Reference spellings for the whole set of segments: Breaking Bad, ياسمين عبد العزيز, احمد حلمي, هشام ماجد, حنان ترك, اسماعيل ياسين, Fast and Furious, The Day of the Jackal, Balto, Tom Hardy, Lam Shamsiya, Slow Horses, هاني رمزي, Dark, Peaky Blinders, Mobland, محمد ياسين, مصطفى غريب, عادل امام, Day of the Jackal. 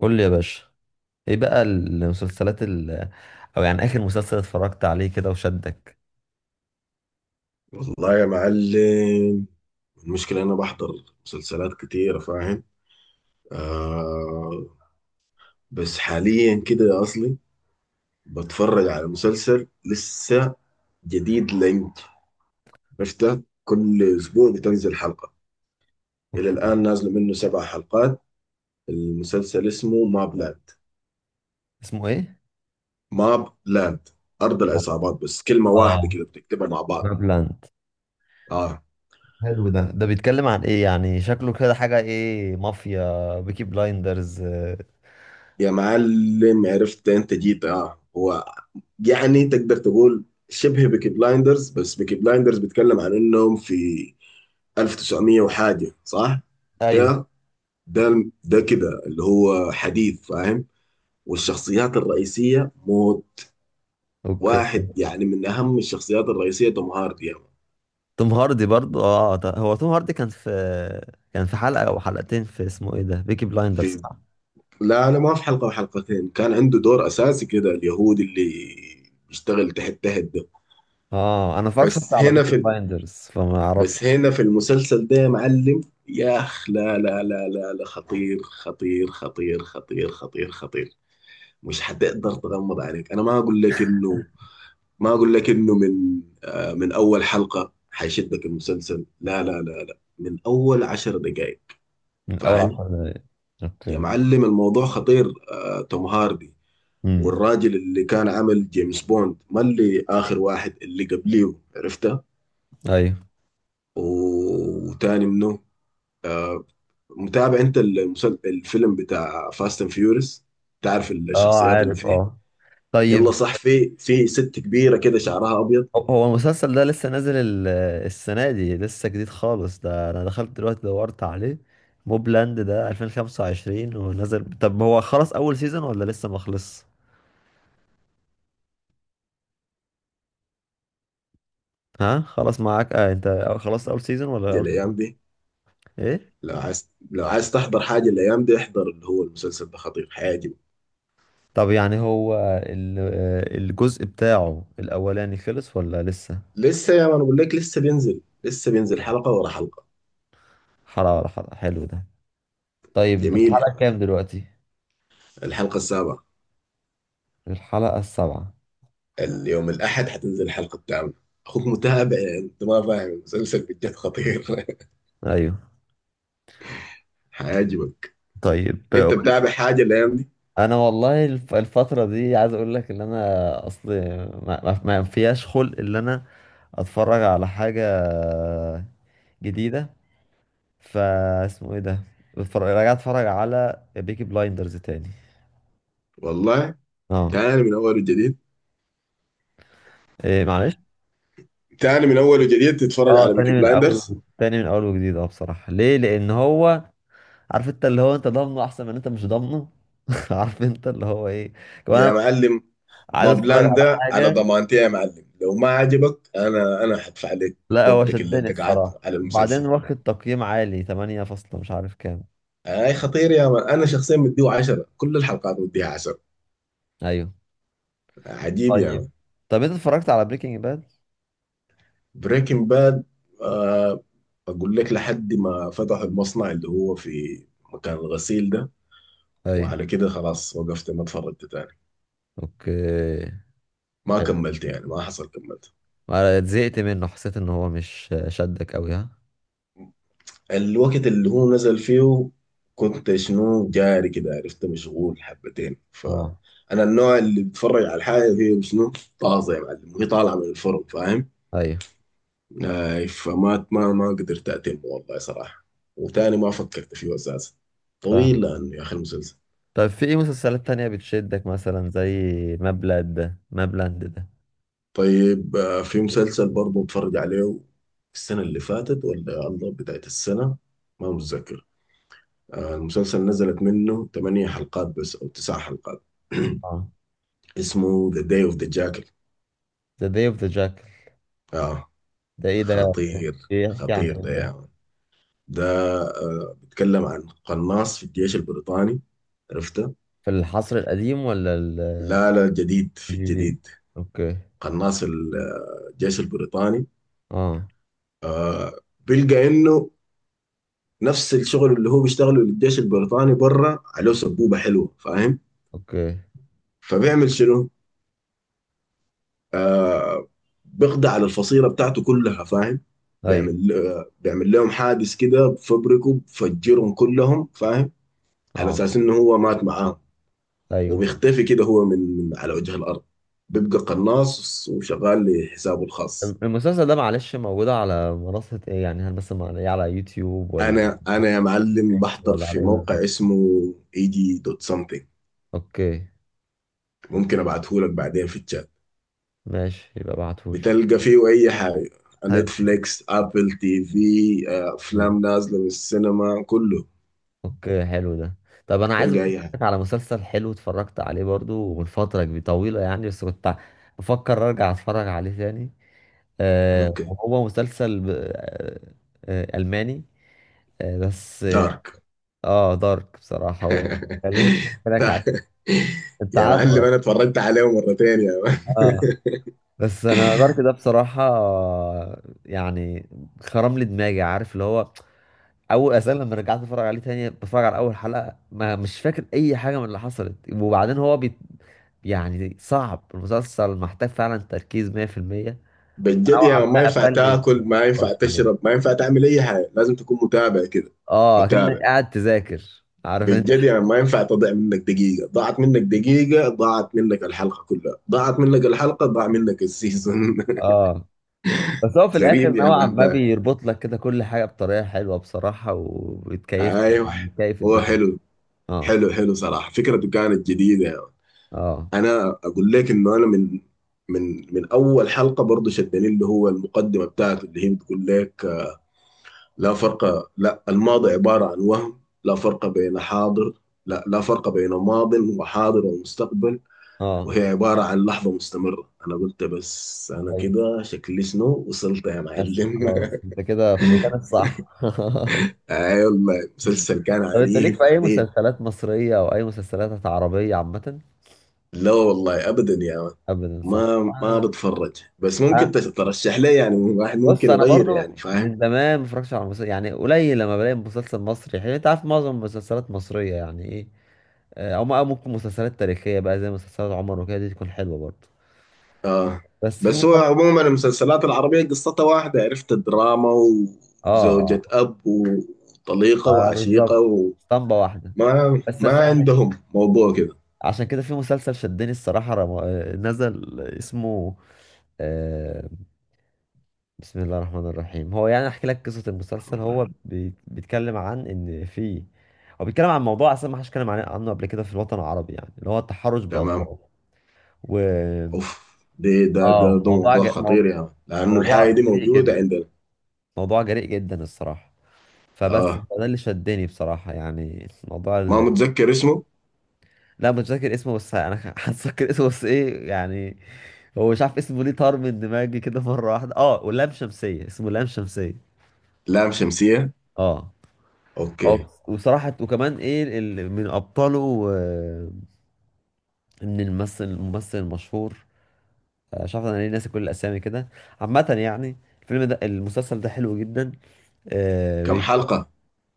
قول لي يا باشا، ايه بقى المسلسلات او يعني اخر مسلسل اتفرجت عليه كده وشدك؟ والله يا معلم، المشكلة أنا بحضر مسلسلات كتيرة فاهم. آه. بس حاليا كده يا أصلي بتفرج على مسلسل لسه جديد لينج، عرفته كل أسبوع بتنزل حلقة. إلى اوكي. الآن نازلة منه سبع حلقات. المسلسل اسمه ماب لاند. اسمه ايه؟ ماب لاند، أرض العصابات بس كلمة واحدة اه، كده بتكتبها مع بعض. بابلاند. آه. حلو. ده بيتكلم عن ايه يعني؟ شكله كده حاجة ايه، مافيا بيكي بلايندرز؟ آه. يا معلم عرفت انت جيت، هو يعني تقدر تقول شبه بيكي بلايندرز، بس بيكي بلايندرز بيتكلم عن انهم في 1900 وحاجه، صح؟ ايوه. ده ده كده اللي هو حديث، فاهم؟ والشخصيات الرئيسيه موت. اوكي. واحد يعني من اهم الشخصيات الرئيسيه توم هاردي يعني. توم هاردي برضو، اه، هو توم هاردي كان في حلقة او حلقتين في اسمه ايه ده، بيكي بلايندرز، في صح؟ لا لا، ما في حلقه وحلقتين، كان عنده دور اساسي كده، اليهودي اللي بيشتغل تحت ده. اه، انا اتفرجت شفت بس على هنا بيكي في بلايندرز فما اعرفش. بس هنا في المسلسل ده يا معلم. يا اخ لا لا لا لا لا، خطير خطير خطير خطير خطير خطير. مش حتقدر تغمض عليك. انا ما اقول لك انه ما اقول لك انه من من اول حلقة حيشدك المسلسل. لا لا لا لا، من اول عشر دقائق. من اول فاهم. عشر دقايق. يا اوكي. معلم الموضوع خطير، توم هاردي امم. والراجل اللي كان عمل جيمس بوند، ما اللي اخر واحد اللي قبليه عرفته. ايوه. وتاني منه. متابع انت الفيلم بتاع فاست اند فيوريس؟ تعرف اه، الشخصيات اللي عارف، فيه. اه. يلا طيب. صح، في ست كبيره كده شعرها ابيض. هو المسلسل ده لسه نازل السنة دي، لسه جديد خالص ده. أنا دخلت دلوقتي دورت عليه، موبلاند ده 2025 ونزل. طب هو خلص أول سيزون ولا لسه ما خلص؟ ها، خلص معاك؟ آه أنت، خلصت أول سيزون ولا دي أول الايام سيزون؟ دي. إيه؟ لو عايز تحضر حاجه الايام دي، احضر اللي هو المسلسل ده، خطير، حيعجبك. طب يعني هو الجزء بتاعه الأولاني خلص ولا لسه؟ لسه يا ما انا بقول لك، لسه بينزل، حلقه ورا حلقه. حلقة ولا حلقة، حلو ده. طيب، أنت في جميل الحلقة يعني. كام دلوقتي؟ الحلقه السابعه. الحلقة السابعة. اليوم الاحد حتنزل الحلقه الثامنه. اخوك متابع يعني، انت ما فاهم، المسلسل بجد خطير أيوه. حيعجبك. طيب. انت متابع حاجه الايام دي؟ انا والله الفتره دي، عايز اقول لك ان انا اصل ما فيهاش خلق ان انا اتفرج على حاجه جديده. فاسمه ايه ده؟ راجع اتفرج على بيكي بلايندرز تاني. والله، اه. تاني من اول وجديد. إيه معلش؟ تاني من اول وجديد تتفرج اه، على تاني بيكي من اول. بلايندرز. تاني من اول وجديد، اه، بصراحه ليه؟ لان هو، عارف انت اللي هو، انت ضامنه احسن من انت مش ضامنه. عارف انت اللي هو ايه، كمان أنا يا معلم عايز ما اتفرج بلان على ده على حاجه. ضمانتي يا معلم، لو ما عجبك، انا هدفع لك لا، هو وقتك اللي شدني انت قعدته الصراحة، على المسلسل. وبعدين واخد تقييم عالي، 8 فاصلة مش عارف كام. اي خطير يا مان، انا شخصيا مديه 10، كل الحلقات مديها 10. ايوه. عجيب يا طيب. مان. طب انت اتفرجت على بريكنج باد؟ بريكنج باد، آه. اقول لك لحد ما فتحوا المصنع اللي هو في مكان الغسيل ده، ايوه. وعلى كده خلاص، وقفت، ما اتفرجت تاني. اوكي. ما حلو. كملت يعني، ما حصل كملت. ما زهقت منه؟ حسيت ان هو مش شدك قوي؟ ها. الوقت اللي هو نزل فيه كنت شنو جاري كده، عرفت، مشغول حبتين، اه. فأنا النوع اللي بتفرج على الحاجة هي شنو طازة يا معلم، وهي طالعة من الفرن، فاهم. ايوه، آي فما ما ما قدرت أتم والله صراحة. وتاني ما فكرت فيه أساسا. فاهم. طويل لأنه يا أخي المسلسل. طب في ايه مسلسلات تانية بتشدك مثلا، زي مابلاند ده؟ مابلاند ده. طيب آه، في مسلسل برضه اتفرج عليه السنة اللي فاتت ولا الله بداية السنة، ما متذكر. المسلسل نزلت منه ثمانية حلقات بس أو تسع حلقات. اه. اسمه ذا داي اوف ذا جاكل. ذا داي اوف ذا جاكل. اه. ده ايه ده؟ خطير. بيحكي عن خطير ايه ده يا ده؟ يعني. ده بيتكلم عن قناص في الجيش البريطاني، عرفته. في العصر القديم ولا لا لا، جديد في الجديد؟ الجديد. اوكي. قناص الجيش البريطاني، اه. بيلقى انه نفس الشغل اللي هو بيشتغله للجيش البريطاني بره، عليه سبوبة حلوة، فاهم. اوكي. فبيعمل شنو؟ آه بيقضي على الفصيلة بتاعته كلها، فاهم. ايوه. بيعمل لهم حادث كده، بفبركه، بفجرهم كلهم، فاهم. على اه. اساس انه هو مات معاه. ايوه. وبيختفي كده هو من على وجه الارض. بيبقى قناص وشغال لحسابه الخاص. المسلسل ده معلش، موجود على منصة ايه يعني؟ هل بس مع- إيه على يوتيوب، ولا على انا يا معلم نتفليكس، بحضر ولا على في ايه موقع بالظبط؟ اسمه اي جي دوت سمثينج. اوكي. ممكن ابعته لك بعدين في الشات. ماشي، يبقى ابعتهولي. بتلقى فيه اي حاجه، حلو. نتفليكس، ابل تي في، آه، حلو. افلام نازله من السينما، كله. اوكي، حلو ده. طب انا عايز تلقى أقول اي حاجه. لك على مسلسل حلو اتفرجت عليه برضو من فترة كبيرة طويلة يعني، بس كنت بفكر ارجع اتفرج عليه تاني. آه، اوكي. وهو مسلسل ب... آه آه الماني. بس دارك اه دارك، بصراحة هو، خليني احكي لك ده عليه. انت يا معلم عارفه. انا اتفرجت عليه مرتين يا. اه، بس انا دارك ده بصراحه، يعني، خرم لي دماغي. عارف اللي هو، اول اساسا لما رجعت اتفرج عليه تاني، بتفرج على اول حلقه ما مش فاكر اي حاجه من اللي حصلت، وبعدين هو يعني صعب. المسلسل محتاج فعلا تركيز 100%. بجد يعني نوعا ما ما ينفع قفلني إني تاكل، ما أتفرج ينفع عليه. تشرب، ما ينفع تعمل اي حاجه، لازم تكون متابع كده. اه، كأنك متابع قاعد تذاكر، عارف انت. بجد يعني، ما ينفع تضيع منك دقيقه، ضاعت منك دقيقه ضاعت منك الحلقه كلها، ضاعت منك الحلقه ضاع منك السيزون. اه، بس هو في الاخر غريب يا نوعا مان ما ده. بيربط لك كده كل حاجه بطريقه حلوه بصراحه، وبتكيف ايوه. يعني بتكيف هو الدماغ. حلو. اه. حلو حلو صراحه، فكرته كانت جديده يعني. اه. انا اقول لك انه انا من من اول حلقه برضه شدني اللي هو المقدمه بتاعته اللي هي بتقول لك: لا فرق، لا الماضي عبارة عن وهم، لا فرق بين حاضر، لا فرق بين ماض وحاضر ومستقبل، اه. وهي عبارة عن لحظة مستمرة. أنا قلت بس أنا أيوه. كده شكلي شنو وصلت يا بس معلم خلاص، انت كده في المكان الصح. أي والله، مسلسل كان طب انت ليك في عنيف اي عنيف. مسلسلات مصرية او اي مسلسلات عربية عامة؟ لا والله أبدا يا مان. ابدا، صح، ما انا. بتفرج، بس أه. ممكن ترشح لي يعني واحد بص، ممكن انا يغير يعني، برضو فاهم. من زمان ما اتفرجتش على مسلسل، يعني قليل لما بلاقي مسلسل مصري حلو. انت عارف معظم المسلسلات مصرية يعني ايه. او أو ممكن مسلسلات تاريخية بقى، زي مسلسلات عمر وكده، دي تكون حلوة برضو. اه. بس في بس هو مسلسل، عموما المسلسلات العربية قصتها واحدة، عرفت، الدراما وزوجة اه، أب وطليقة آه وعشيقة، بالظبط، اسطمبة واحدة. وما بس ما بس احنا عندهم موضوع كده. عشان كده، في مسلسل شدني الصراحة، رم... آه، نزل اسمه، آه، بسم الله الرحمن الرحيم. هو يعني احكي لك قصة المسلسل. هو بيتكلم عن ان في، هو بيتكلم عن موضوع اصلا ما حدش اتكلم عنه قبل كده في الوطن العربي، يعني اللي هو التحرش تمام. بالاطفال. و اوف. دي ده ده اه، ده موضوع موضوع خطير موضوع، يا يعني. لأنه الحاجة موضوع دي جريء موجودة جدا. عندنا. موضوع جريء جدا الصراحة. فبس اه. ده اللي شدني بصراحة، يعني موضوع. ما متذكر اسمه. لا، مش فاكر اسمه بس انا هتذكر اسمه. بس ايه يعني، هو مش عارف اسمه ليه طار من دماغي كده مره واحده. اه، ولام شمسيه، اسمه لام شمسيه. لام شمسية. اه. اه. اوكي. وصراحه، وكمان ايه ال- من ابطاله، آه، من الممثل المشهور. مش عارف انا ليه ناسي كل الاسامي كده. عامه يعني الفيلم ده، المسلسل ده حلو جدا. آه، كم بي- حلقة؟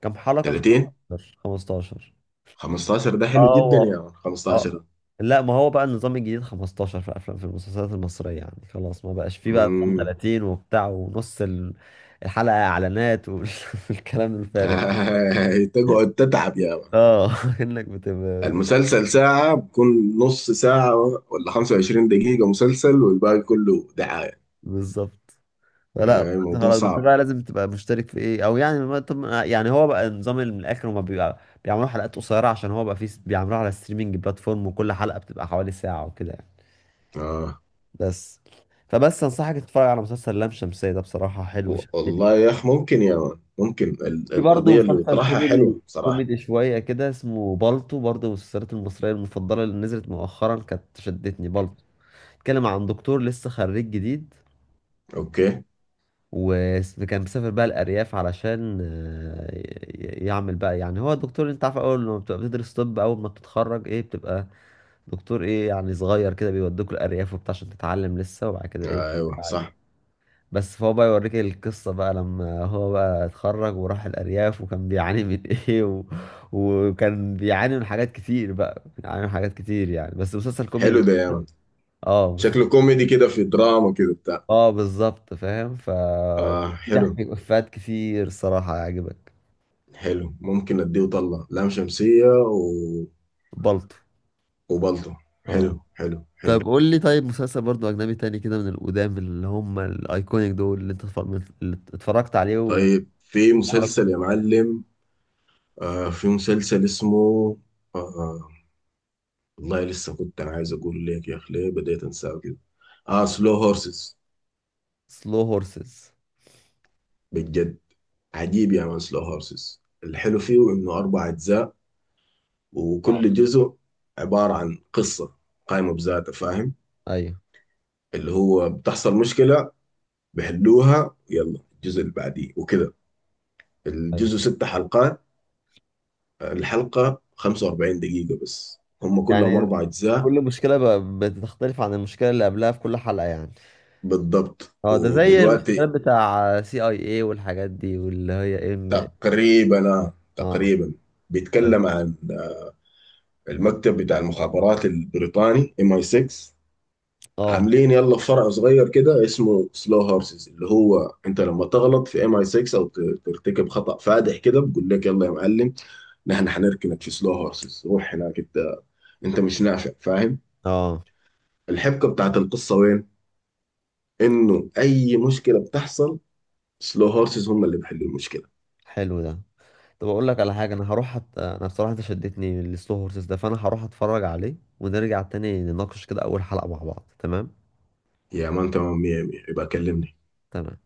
كام حلقه؟ 30. 15. 15. 15 ده اه حلو جدا يا هو- يعني. اه، 15. لا ما هو بقى النظام الجديد 15، في افلام في المسلسلات المصريه، يعني خلاص ما بقاش فيه بقى نظام امم 30 وبتاع، ونص الحلقه اعلانات والكلام الفارغ. تقعد تتعب يا يعني. اه، انك بتبقى، المسلسل ساعة بكون نص ساعة، ولا 25 دقيقة مسلسل والباقي كله دعاية. بالظبط. فلا، آه، الموضوع خلاص بس صعب. بقى لازم تبقى مشترك في ايه، او يعني، ما طب يعني، هو بقى النظام اللي من الاخر هما بيبقى بيعملوا حلقات قصيره، عشان هو بقى فيه بيعملوها على ستريمنج بلاتفورم، وكل حلقه بتبقى حوالي ساعه وكده يعني. آه. بس. فبس انصحك تتفرج على مسلسل لام شمسية ده، بصراحة حلو شدني. والله يا أخ ممكن يا مان، ممكن في برضه القضية اللي مسلسل بيطرحها حلوة كوميدي صراحة. كوميدي شوية كده اسمه بالطو، برضه من المسلسلات المصرية المفضلة اللي نزلت مؤخرا، كانت شدتني بالطو. بيتكلم عن دكتور لسه خريج جديد، أوكي. وكان مسافر بقى الأرياف علشان يعمل بقى. يعني هو دكتور، انت عارف أول ما بتبقى بتدرس طب، أول ما بتتخرج ايه، بتبقى دكتور ايه يعني، صغير كده بيودوك الأرياف وبتاع عشان تتعلم لسه. وبعد كده ايه، آه، أيوه صح. بس فهو بقى يوريك القصة بقى لما هو بقى اتخرج وراح الأرياف، وكان بيعاني من وكان بيعاني من حاجات كتير. بقى بيعاني من حاجات كتير يعني، بس مسلسل حلو كوميدي. ده يا مان، اه مسلسل. شكله كوميدي كده في دراما كده بتاع. اه بالظبط فاهم. آه في ضحك حلو. وإفيهات كتير صراحة، هيعجبك. حلو، ممكن أديه وطلع لام شمسية و... بلطو. وبلطو. حلو اه. حلو طب حلو. قول لي، طيب مسلسل برضو أجنبي تاني كده من القدام، اللي هم الأيكونيك دول اللي اللي اتفرجت عليه طيب في وعمرك. مسلسل يا معلم، في مسلسل اسمه آه، آه، والله لسه كنت عايز اقول لك يا اخي، ليه بديت انساه كده. اه سلو هورسز. سلو هورسز. بجد. عجيب يا مان، سلو هورسز الحلو فيه انه اربع اجزاء، اه. وكل جزء عبارة عن قصة قائمة بذاتها، فاهم. ايوه. اللي هو بتحصل مشكلة، بحلوها، يلا الجزء اللي بعديه وكده. ايوه، الجزء ست حلقات. الحلقة 45 دقيقة بس، هم كلهم يعني اربع اجزاء. كل مشكلة بتختلف عن المشكلة اللي قبلها في كل حلقة يعني. بالضبط، اه، ده زي المسلسلات ودلوقتي. بتاع سي اي اي والحاجات دي، واللي هي ام. تقريبا اه. تقريبا. بيتكلم عن المكتب بتاع المخابرات البريطاني ام اي 6، اه. عاملين يلا فرع صغير كده اسمه سلو هورسز، اللي هو انت لما تغلط في ام اي 6 او ترتكب خطأ فادح كده، بقول لك يلا يا معلم، نحن حنركنك في سلو هورسز، روح هناك انت، انت مش نافع، فاهم. اه. الحبكة بتاعت القصة وين؟ انه اي مشكلة بتحصل، سلو هورسز هم اللي بيحلوا المشكلة. حلو ده. طب اقول لك على حاجة، انا هروح انا بصراحة انت شدتني لسلو هورسز ده، فانا هروح اتفرج عليه ونرجع تاني نناقش كده اول حلقة مع بعض، تمام؟ يا مان تمام، 100 100، يبقى كلمني. تمام.